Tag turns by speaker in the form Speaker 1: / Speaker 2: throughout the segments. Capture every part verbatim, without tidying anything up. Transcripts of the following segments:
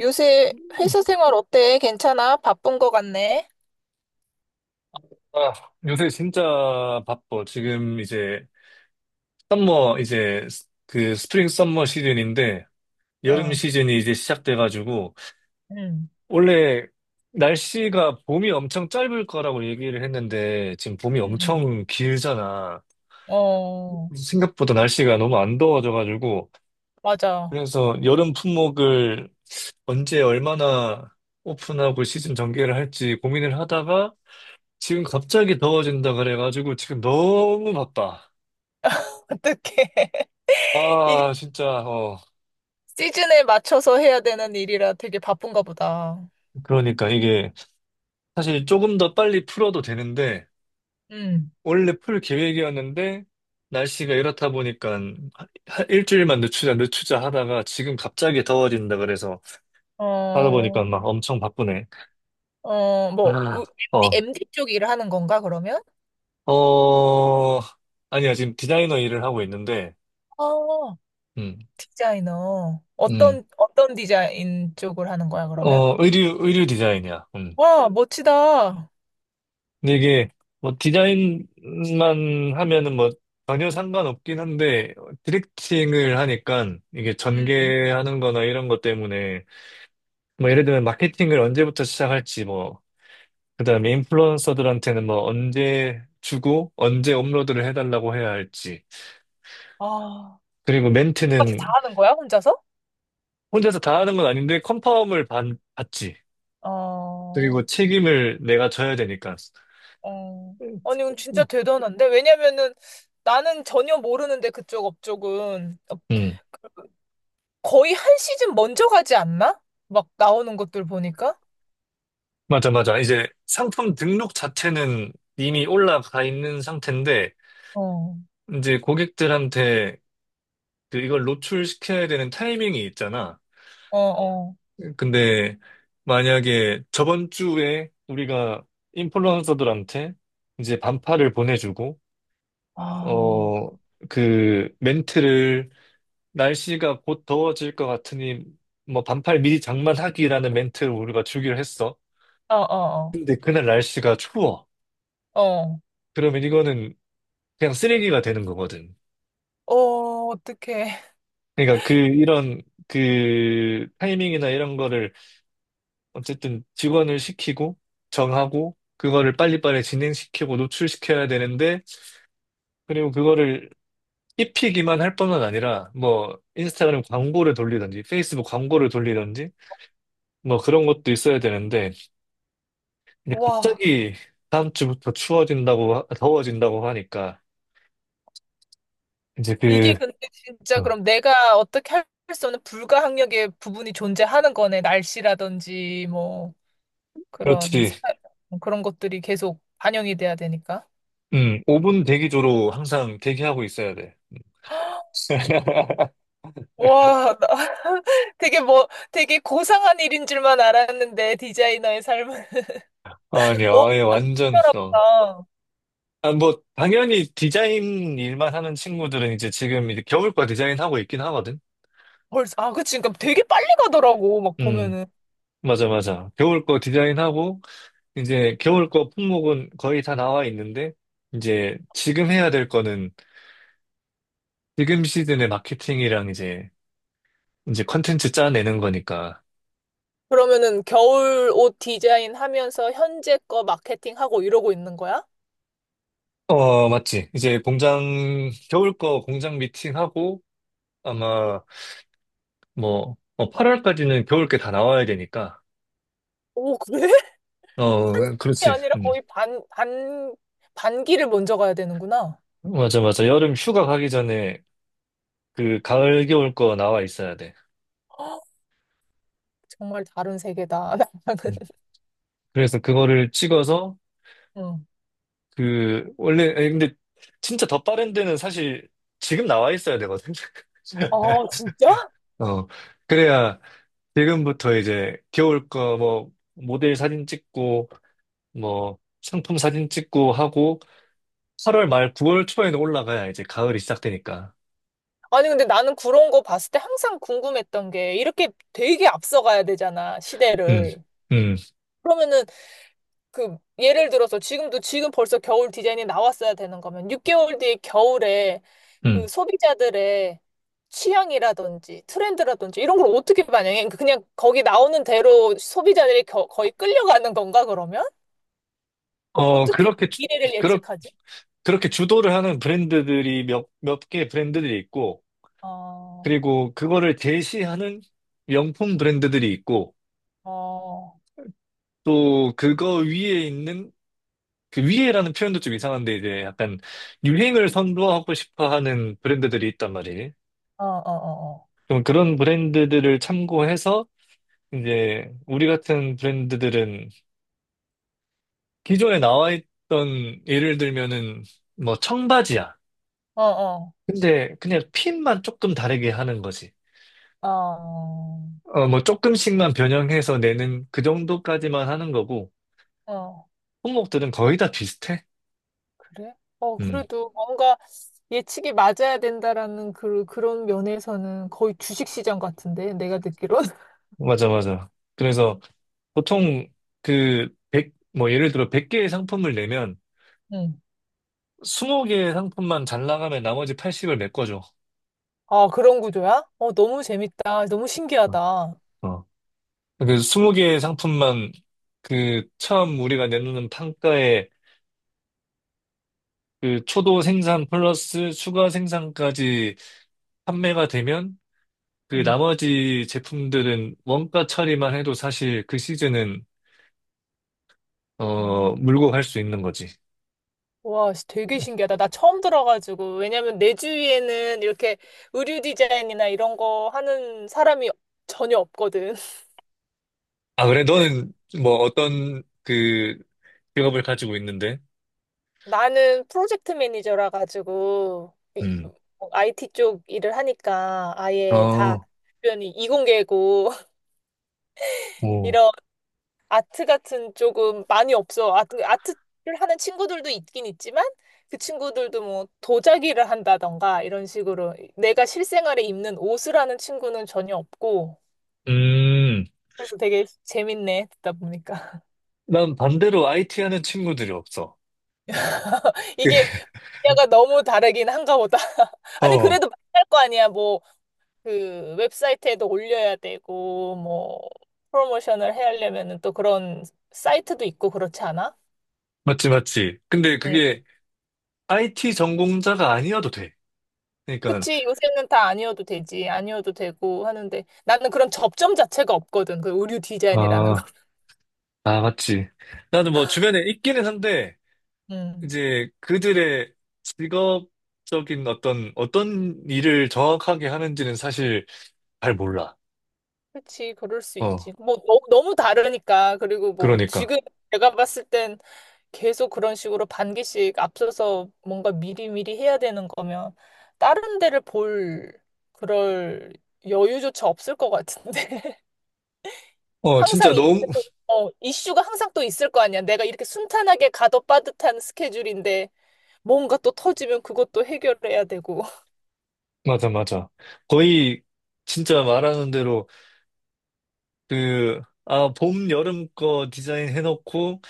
Speaker 1: 요새 회사 생활 어때? 괜찮아? 바쁜 거 같네?
Speaker 2: 아, 요새 진짜 바빠. 지금 이제 썸머 이제 스- 그 스프링 썸머 시즌인데 여름
Speaker 1: 어,
Speaker 2: 시즌이 이제 시작돼가지고
Speaker 1: 응,
Speaker 2: 원래 날씨가 봄이 엄청 짧을 거라고 얘기를 했는데 지금 봄이
Speaker 1: 응, 응.
Speaker 2: 엄청 길잖아.
Speaker 1: 어,
Speaker 2: 생각보다 날씨가 너무 안 더워져가지고
Speaker 1: 맞아.
Speaker 2: 그래서 여름 품목을 언제 얼마나 오픈하고 시즌 전개를 할지 고민을 하다가 지금 갑자기 더워진다 그래가지고 지금 너무 바빠.
Speaker 1: 어떡해. 이게
Speaker 2: 아, 진짜, 어,
Speaker 1: 시즌에 맞춰서 해야 되는 일이라 되게 바쁜가 보다.
Speaker 2: 그러니까 이게 사실 조금 더 빨리 풀어도 되는데,
Speaker 1: 응,
Speaker 2: 원래 풀 계획이었는데, 날씨가 이렇다 보니까 하- 하- 일주일만 늦추자, 늦추자 하다가 지금 갑자기 더워진다 그래서 하다
Speaker 1: 어,
Speaker 2: 보니까 막 엄청 바쁘네.
Speaker 1: 어, 뭐,
Speaker 2: 아,
Speaker 1: 우-
Speaker 2: 어,
Speaker 1: 엠디, 엠디 쪽 일을 하는 건가, 그러면?
Speaker 2: 어, 아니야, 지금 디자이너 일을 하고 있는데,
Speaker 1: 어,
Speaker 2: 음,
Speaker 1: 디자이너.
Speaker 2: 음,
Speaker 1: 어떤, 어떤 디자인 쪽을 하는 거야, 그러면?
Speaker 2: 어, 의류, 의류 디자인이야.
Speaker 1: 와, 멋지다.
Speaker 2: 근데 이게 뭐 디자인만 하면은 뭐 전혀 상관없긴 한데 디렉팅을 하니까 이게
Speaker 1: 응,
Speaker 2: 전개하는 거나 이런 것 때문에 뭐 예를 들면 마케팅을 언제부터 시작할지 뭐 그다음에 인플루언서들한테는 뭐 언제 주고 언제 업로드를 해달라고 해야 할지
Speaker 1: 아,
Speaker 2: 그리고
Speaker 1: 까지 다
Speaker 2: 멘트는
Speaker 1: 하는 거야, 혼자서?
Speaker 2: 혼자서 다 하는 건 아닌데 컨펌을 받, 받지.
Speaker 1: 어.
Speaker 2: 그리고 책임을 내가 져야 되니까
Speaker 1: 어. 아니, 이건 진짜 대단한데? 왜냐면은 나는 전혀 모르는데 그쪽 업적은
Speaker 2: 음.
Speaker 1: 거의 한 시즌 먼저 가지 않나? 막 나오는 것들 보니까?
Speaker 2: 맞아, 맞아. 이제 상품 등록 자체는 이미 올라가 있는 상태인데,
Speaker 1: 어,
Speaker 2: 이제 고객들한테 그 이걸 노출시켜야 되는 타이밍이 있잖아.
Speaker 1: 어, 어.
Speaker 2: 근데 만약에 저번 주에 우리가 인플루언서들한테 이제 반팔을 보내주고,
Speaker 1: 아,
Speaker 2: 어, 그 멘트를 날씨가 곧 더워질 것 같으니 뭐 반팔 미리 장만하기라는 멘트를 우리가 주기로 했어.
Speaker 1: 어, 어,
Speaker 2: 근데 그날 날씨가 추워.
Speaker 1: 어. 어,
Speaker 2: 그러면 이거는 그냥 쓰레기가 되는 거거든.
Speaker 1: 어, 어떡해.
Speaker 2: 그러니까 그 이런 그 타이밍이나 이런 거를 어쨌든 직원을 시키고 정하고 그거를 빨리빨리 진행시키고 노출시켜야 되는데 그리고 그거를 입히기만 할 뿐만 아니라 뭐 인스타그램 광고를 돌리든지 페이스북 광고를 돌리든지 뭐 그런 것도 있어야 되는데 이제
Speaker 1: 와.
Speaker 2: 갑자기 다음 주부터 추워진다고 하- 더워진다고 하니까 이제 그
Speaker 1: 이게 근데 진짜
Speaker 2: 어,
Speaker 1: 그럼 내가 어떻게 할 수 없는 불가항력의 부분이 존재하는 거네. 날씨라든지 뭐 그런
Speaker 2: 그렇지.
Speaker 1: 사- 뭐 그런 것들이 계속 반영이 돼야 되니까.
Speaker 2: 음 오 분 대기조로 항상 대기하고 있어야 돼.
Speaker 1: 와, 나 되게 뭐, 되게 고상한 일인 줄만 알았는데, 디자이너의 삶은.
Speaker 2: 아니요,
Speaker 1: 어,
Speaker 2: 아예 완전, 어.
Speaker 1: 희한하다.
Speaker 2: 아, 뭐, 당연히 디자인 일만 하는 친구들은 이제 지금 이제 겨울 거 디자인하고 있긴 하거든?
Speaker 1: 벌써, 아, 그치. 그러니까 되게 빨리 가더라고, 막
Speaker 2: 음,
Speaker 1: 보면은.
Speaker 2: 맞아, 맞아. 겨울 거 디자인하고, 이제 겨울 거 품목은 거의 다 나와 있는데, 이제 지금 해야 될 거는 지금 시즌의 마케팅이랑 이제, 이제 컨텐츠 짜내는 거니까.
Speaker 1: 그러면은 겨울 옷 디자인 하면서 현재 거 마케팅하고 이러고 있는 거야?
Speaker 2: 어, 맞지. 이제 공장, 겨울 거 공장 미팅하고, 아마 뭐, 팔 월까지는 겨울 게 다 나와야 되니까.
Speaker 1: 오, 그래? 한
Speaker 2: 어,
Speaker 1: 시즌이
Speaker 2: 그렇지.
Speaker 1: 아니라
Speaker 2: 음.
Speaker 1: 거의 반, 반, 반기를 먼저 가야 되는구나.
Speaker 2: 맞아, 맞아. 여름 휴가 가기 전에 그 가을, 겨울 거 나와 있어야 돼.
Speaker 1: 헉, 정말 다른 세계다. 나랑은.
Speaker 2: 음. 그래서 그거를 찍어서
Speaker 1: 응.
Speaker 2: 그, 원래, 아니, 근데 진짜 더 빠른 데는 사실 지금 나와 있어야 되거든.
Speaker 1: 아, 진짜?
Speaker 2: 어, 그래야 지금부터 이제 겨울 거 뭐 모델 사진 찍고 뭐 상품 사진 찍고 하고 팔 월 말 구 월 초에는 올라가야 이제 가을이 시작되니까.
Speaker 1: 아니, 근데 나는 그런 거 봤을 때 항상 궁금했던 게, 이렇게 되게 앞서가야 되잖아,
Speaker 2: 음,
Speaker 1: 시대를.
Speaker 2: 음,
Speaker 1: 그러면은 그 예를 들어서 지금도 지금 벌써 겨울 디자인이 나왔어야 되는 거면 육 개월 뒤에 겨울에
Speaker 2: 음.
Speaker 1: 그 소비자들의 취향이라든지 트렌드라든지 이런 걸 어떻게 반영해? 그 그냥 거기 나오는 대로 소비자들이 겨- 거의 끌려가는 건가 그러면?
Speaker 2: 어,
Speaker 1: 어떻게
Speaker 2: 그렇게,
Speaker 1: 미래를 예측하지?
Speaker 2: 그렇게 주도를 하는 브랜드들이 몇, 몇 개 브랜드들이 있고,
Speaker 1: 어,
Speaker 2: 그리고 그거를 제시하는 명품 브랜드들이 있고,
Speaker 1: 어, 어,
Speaker 2: 또 그거 위에 있는, 그 위에라는 표현도 좀 이상한데, 이제 약간 유행을 선도하고 싶어 하는 브랜드들이 있단 말이에요.
Speaker 1: 어, 어,
Speaker 2: 그럼 그런 브랜드들을 참고해서, 이제 우리 같은 브랜드들은 기존에 나와 있던 예를 들면은 뭐 청바지야.
Speaker 1: 어, 어,
Speaker 2: 근데 그냥 핀만 조금 다르게 하는 거지.
Speaker 1: 어, 어,
Speaker 2: 어, 뭐 조금씩만 변형해서 내는 그 정도까지만 하는 거고,
Speaker 1: 어.
Speaker 2: 품목들은 거의 다 비슷해.
Speaker 1: 그래? 어,
Speaker 2: 음,
Speaker 1: 그래도 뭔가 예측이 맞아야 된다라는 그, 그런 면에서는 거의 주식시장 같은데, 내가 듣기론.
Speaker 2: 맞아, 맞아. 그래서 보통 그 백 뭐 예를 들어 백 개의 상품을 내면
Speaker 1: 응.
Speaker 2: 스무 개의 상품만 잘 나가면 나머지 팔십을 메꿔줘.
Speaker 1: 아, 그런 구조야? 어, 너무 재밌다. 너무
Speaker 2: 어,
Speaker 1: 신기하다.
Speaker 2: 어. 그 스무 개의 상품만 그 처음 우리가 내놓는 판가에 그 초도 생산 플러스 추가 생산까지 판매가 되면 그
Speaker 1: 응.
Speaker 2: 나머지 제품들은 원가 처리만 해도 사실 그 시즌은
Speaker 1: 어,
Speaker 2: 어, 물고 갈 수 있는 거지.
Speaker 1: 와, 씨, 되게 신기하다. 나 처음 들어가지고. 왜냐면 내 주위에는 이렇게 의류 디자인이나 이런 거 하는 사람이 전혀 없거든.
Speaker 2: 아, 그래? 너는 뭐 어떤 그 직업을 가지고 있는데?
Speaker 1: 나는 프로젝트 매니저라 가지고 이-
Speaker 2: 음.
Speaker 1: 아이티 쪽 일을 하니까 아예 다
Speaker 2: 어,
Speaker 1: 주변이 이공계고
Speaker 2: 뭐.
Speaker 1: 이런 아트 같은 조금 많이 없어. 아트, 아트를 하는 친구들도 있긴 있지만 그 친구들도 뭐 도자기를 한다던가 이런 식으로 내가 실생활에 입는 옷을 하는 친구는 전혀 없고
Speaker 2: 음.
Speaker 1: 그래서 되게 재밌네 듣다 보니까
Speaker 2: 난 반대로 아이티 하는 친구들이 없어. 그,
Speaker 1: 이게 분야가 너무 다르긴 한가 보다. 아니
Speaker 2: 어,
Speaker 1: 그래도 만날 거 아니야. 뭐 그 웹사이트에도 올려야 되고 뭐 프로모션을 해야 하려면은 또 그런 사이트도 있고 그렇지 않아?
Speaker 2: 맞지, 맞지. 근데 그게 아이티 전공자가 아니어도 돼. 그러니까,
Speaker 1: 그치, 요새는 다 아니어도 되지. 아니어도 되고 하는데. 나는 그런 접점 자체가 없거든. 그 의류 디자인이라는 거.
Speaker 2: 아, 아, 맞지. 나는 뭐 주변에 있기는 한데,
Speaker 1: 음.
Speaker 2: 이제 그들의 직업적인 어떤, 어떤 일을 정확하게 하는지는 사실 잘 몰라.
Speaker 1: 그치, 그럴 수
Speaker 2: 어,
Speaker 1: 있지. 뭐, 너, 너무 다르니까. 그리고 뭐,
Speaker 2: 그러니까.
Speaker 1: 지금 내가 봤을 땐 계속 그런 식으로 반기씩 앞서서 뭔가 미리미리 해야 되는 거면 다른 데를 볼 그럴 여유조차 없을 것 같은데.
Speaker 2: 어, 진짜
Speaker 1: 항상 이,
Speaker 2: 너무,
Speaker 1: 어, 이슈가 항상 또 있을 거 아니야. 내가 이렇게 순탄하게 가도 빠듯한 스케줄인데. 뭔가 또 터지면 그것도 해결해야 되고.
Speaker 2: 맞아, 맞아. 거의, 진짜 말하는 대로, 그, 아, 봄, 여름 거 디자인 해놓고,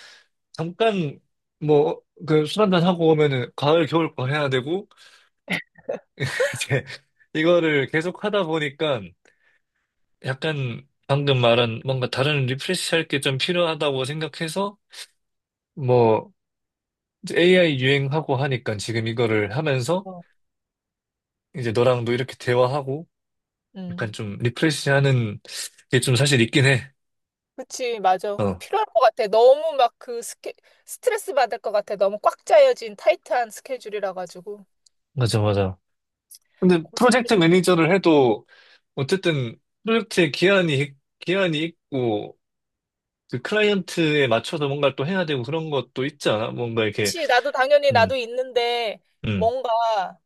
Speaker 2: 잠깐, 뭐, 그, 술 한잔 하고 오면은, 가을, 겨울 거 해야 되고, 이제, 이거를 계속 하다 보니까, 약간, 방금 말한, 뭔가 다른 리프레시 할 게 좀 필요하다고 생각해서, 뭐, 이제 에이아이 유행하고 하니까, 지금 이거를 하면서,
Speaker 1: 어,
Speaker 2: 이제 너랑도 이렇게 대화하고, 약간
Speaker 1: 음.
Speaker 2: 좀 리프레시 하는 게 좀 사실 있긴 해.
Speaker 1: 그치, 맞아. 그
Speaker 2: 어.
Speaker 1: 필요할 것 같아. 너무 막 그 스케, 스트레스 받을 것 같아. 너무 꽉 짜여진 타이트한 스케줄이라 가지고.
Speaker 2: 맞아, 맞아. 근데
Speaker 1: 고생이
Speaker 2: 프로젝트
Speaker 1: 많아.
Speaker 2: 매니저를 해도 어쨌든 프로젝트에 기한이, 기한이 있고 그 클라이언트에 맞춰서 뭔가를 또 해야 되고 그런 것도 있지 않아? 뭔가 이렇게,
Speaker 1: 그치, 나도 당연히
Speaker 2: 음,
Speaker 1: 나도 있는데,
Speaker 2: 음.
Speaker 1: 뭔가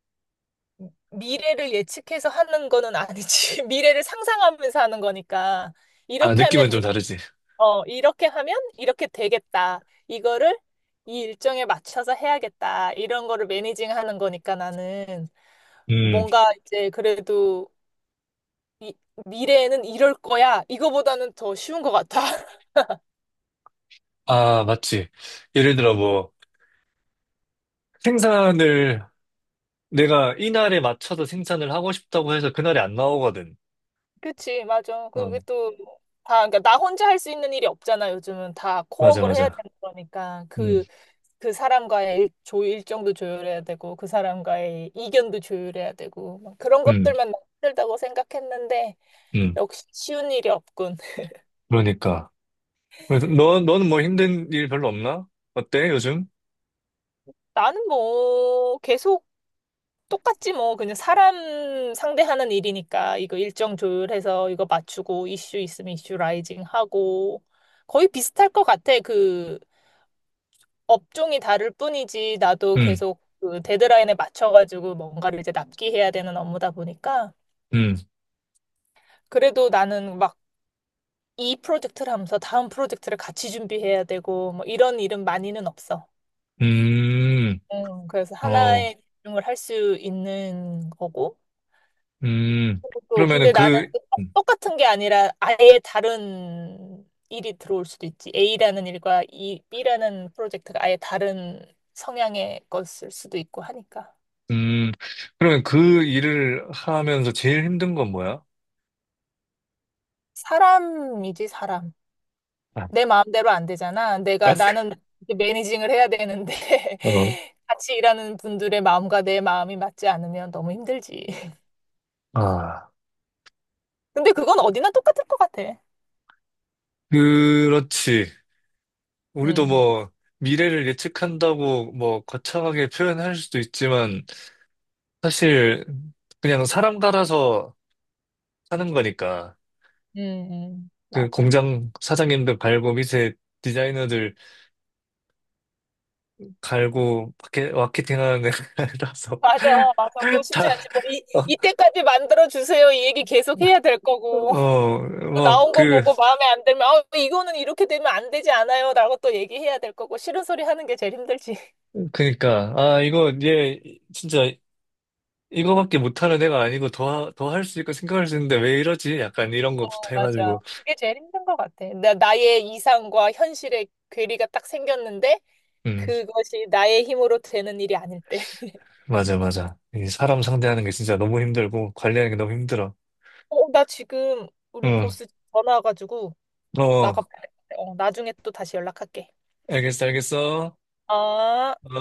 Speaker 1: 미래를 예측해서 하는 거는 아니지. 미래를 상상하면서 하는 거니까.
Speaker 2: 아,
Speaker 1: 이렇게 하면,
Speaker 2: 느낌은
Speaker 1: 이-
Speaker 2: 좀 다르지.
Speaker 1: 어, 이렇게 하면 이렇게 되겠다. 이거를 이 일정에 맞춰서 해야겠다. 이런 거를 매니징 하는 거니까 나는.
Speaker 2: 음.
Speaker 1: 뭔가 이제 그래도 이, 미래에는 이럴 거야. 이거보다는 더 쉬운 것 같아.
Speaker 2: 아, 맞지. 예를 들어 뭐 생산을 내가 이날에 맞춰서 생산을 하고 싶다고 해서 그날에 안 나오거든.
Speaker 1: 그치, 맞아.
Speaker 2: 어,
Speaker 1: 그게 또 다, 그러니까 나 혼자 할 수 있는 일이 없잖아. 요즘은 다
Speaker 2: 맞아,
Speaker 1: 코업을 해야
Speaker 2: 맞아.
Speaker 1: 되는 거니까.
Speaker 2: 음,
Speaker 1: 그, 그 사람과의 일, 조, 일정도 조율해야 되고, 그 사람과의 이견도 조율해야 되고, 막 그런
Speaker 2: 음,
Speaker 1: 것들만 너무 힘들다고 생각했는데,
Speaker 2: 음.
Speaker 1: 역시 쉬운 일이 없군.
Speaker 2: 그러니까. 그래서 너, 너는 뭐 힘든 일 별로 없나? 어때, 요즘?
Speaker 1: 나는 뭐, 계속 똑같지 뭐 그냥 사람 상대하는 일이니까 이거 일정 조율해서 이거 맞추고 이슈 있으면 이슈 라이징 하고 거의 비슷할 것 같아. 그 업종이 다를 뿐이지 나도
Speaker 2: 음,
Speaker 1: 계속 그 데드라인에 맞춰가지고 뭔가를 이제 납기해야 되는 업무다 보니까
Speaker 2: 음.
Speaker 1: 그래도 나는 막 이 프로젝트를 하면서 다음 프로젝트를 같이 준비해야 되고 뭐 이런 일은 많이는 없어.
Speaker 2: 음,
Speaker 1: 음, 그래서
Speaker 2: 어,
Speaker 1: 하나에 집중을 할 수 있는 거고.
Speaker 2: 음.
Speaker 1: 또
Speaker 2: 그러면은
Speaker 1: 근데 나는
Speaker 2: 그,
Speaker 1: 그 똑- 똑같은 게 아니라 아예 다른 일이 들어올 수도 있지. A라는 일과 이 B라는 프로젝트가 아예 다른 성향의 것일 수도 있고 하니까.
Speaker 2: 음, 그러면 그 일을 하면서 제일 힘든 건 뭐야?
Speaker 1: 사람이지, 사람.
Speaker 2: 아,
Speaker 1: 내 마음대로 안 되잖아.
Speaker 2: 아,
Speaker 1: 내가 나는 이제 매니징을 해야 되는데
Speaker 2: 어,
Speaker 1: 같이 일하는 분들의 마음과 내 마음이 맞지 않으면 너무 힘들지.
Speaker 2: 아,
Speaker 1: 근데 그건 어디나 똑같을 것 같아.
Speaker 2: 그렇지. 우리도
Speaker 1: 음,
Speaker 2: 뭐, 미래를 예측한다고 뭐, 거창하게 표현할 수도 있지만, 사실, 그냥 사람 갈아서 사는 거니까.
Speaker 1: 음, 음.
Speaker 2: 그
Speaker 1: 맞아.
Speaker 2: 공장 사장님들 갈고, 밑에 디자이너들 갈고, 마케, 마케팅 하는 애라서.
Speaker 1: 맞아, 맞아. 그거 쉽지
Speaker 2: 다,
Speaker 1: 않지. 뭐, 이,
Speaker 2: 어,
Speaker 1: 이때까지 만들어주세요. 이 얘기 계속 해야 될 거고.
Speaker 2: 어,
Speaker 1: 또
Speaker 2: 막,
Speaker 1: 나온 거
Speaker 2: 그,
Speaker 1: 보고 마음에 안 들면, 아, 이거는 이렇게 되면 안 되지 않아요. 라고 또 얘기해야 될 거고. 싫은 소리 하는 게 제일 힘들지.
Speaker 2: 그니까, 아, 이거, 얘, 진짜, 이거밖에 못하는 애가 아니고, 더, 더 할 수 있고 생각할 수 있는데, 왜 이러지? 약간 이런
Speaker 1: 어,
Speaker 2: 거부터
Speaker 1: 맞아.
Speaker 2: 해가지고,
Speaker 1: 그게 제일 힘든 것 같아. 나, 나의 이상과 현실의 괴리가 딱 생겼는데,
Speaker 2: 음,
Speaker 1: 그것이 나의 힘으로 되는 일이 아닐 때.
Speaker 2: 맞아, 맞아. 이 사람 상대하는 게 진짜 너무 힘들고, 관리하는 게 너무 힘들어.
Speaker 1: 어, 나 지금 우리
Speaker 2: 응,
Speaker 1: 보스 전화 와가지고
Speaker 2: 어,
Speaker 1: 나가봐야 돼. 어, 나중에 또 다시 연락할게.
Speaker 2: 알겠어, 알겠어. 어.
Speaker 1: 아.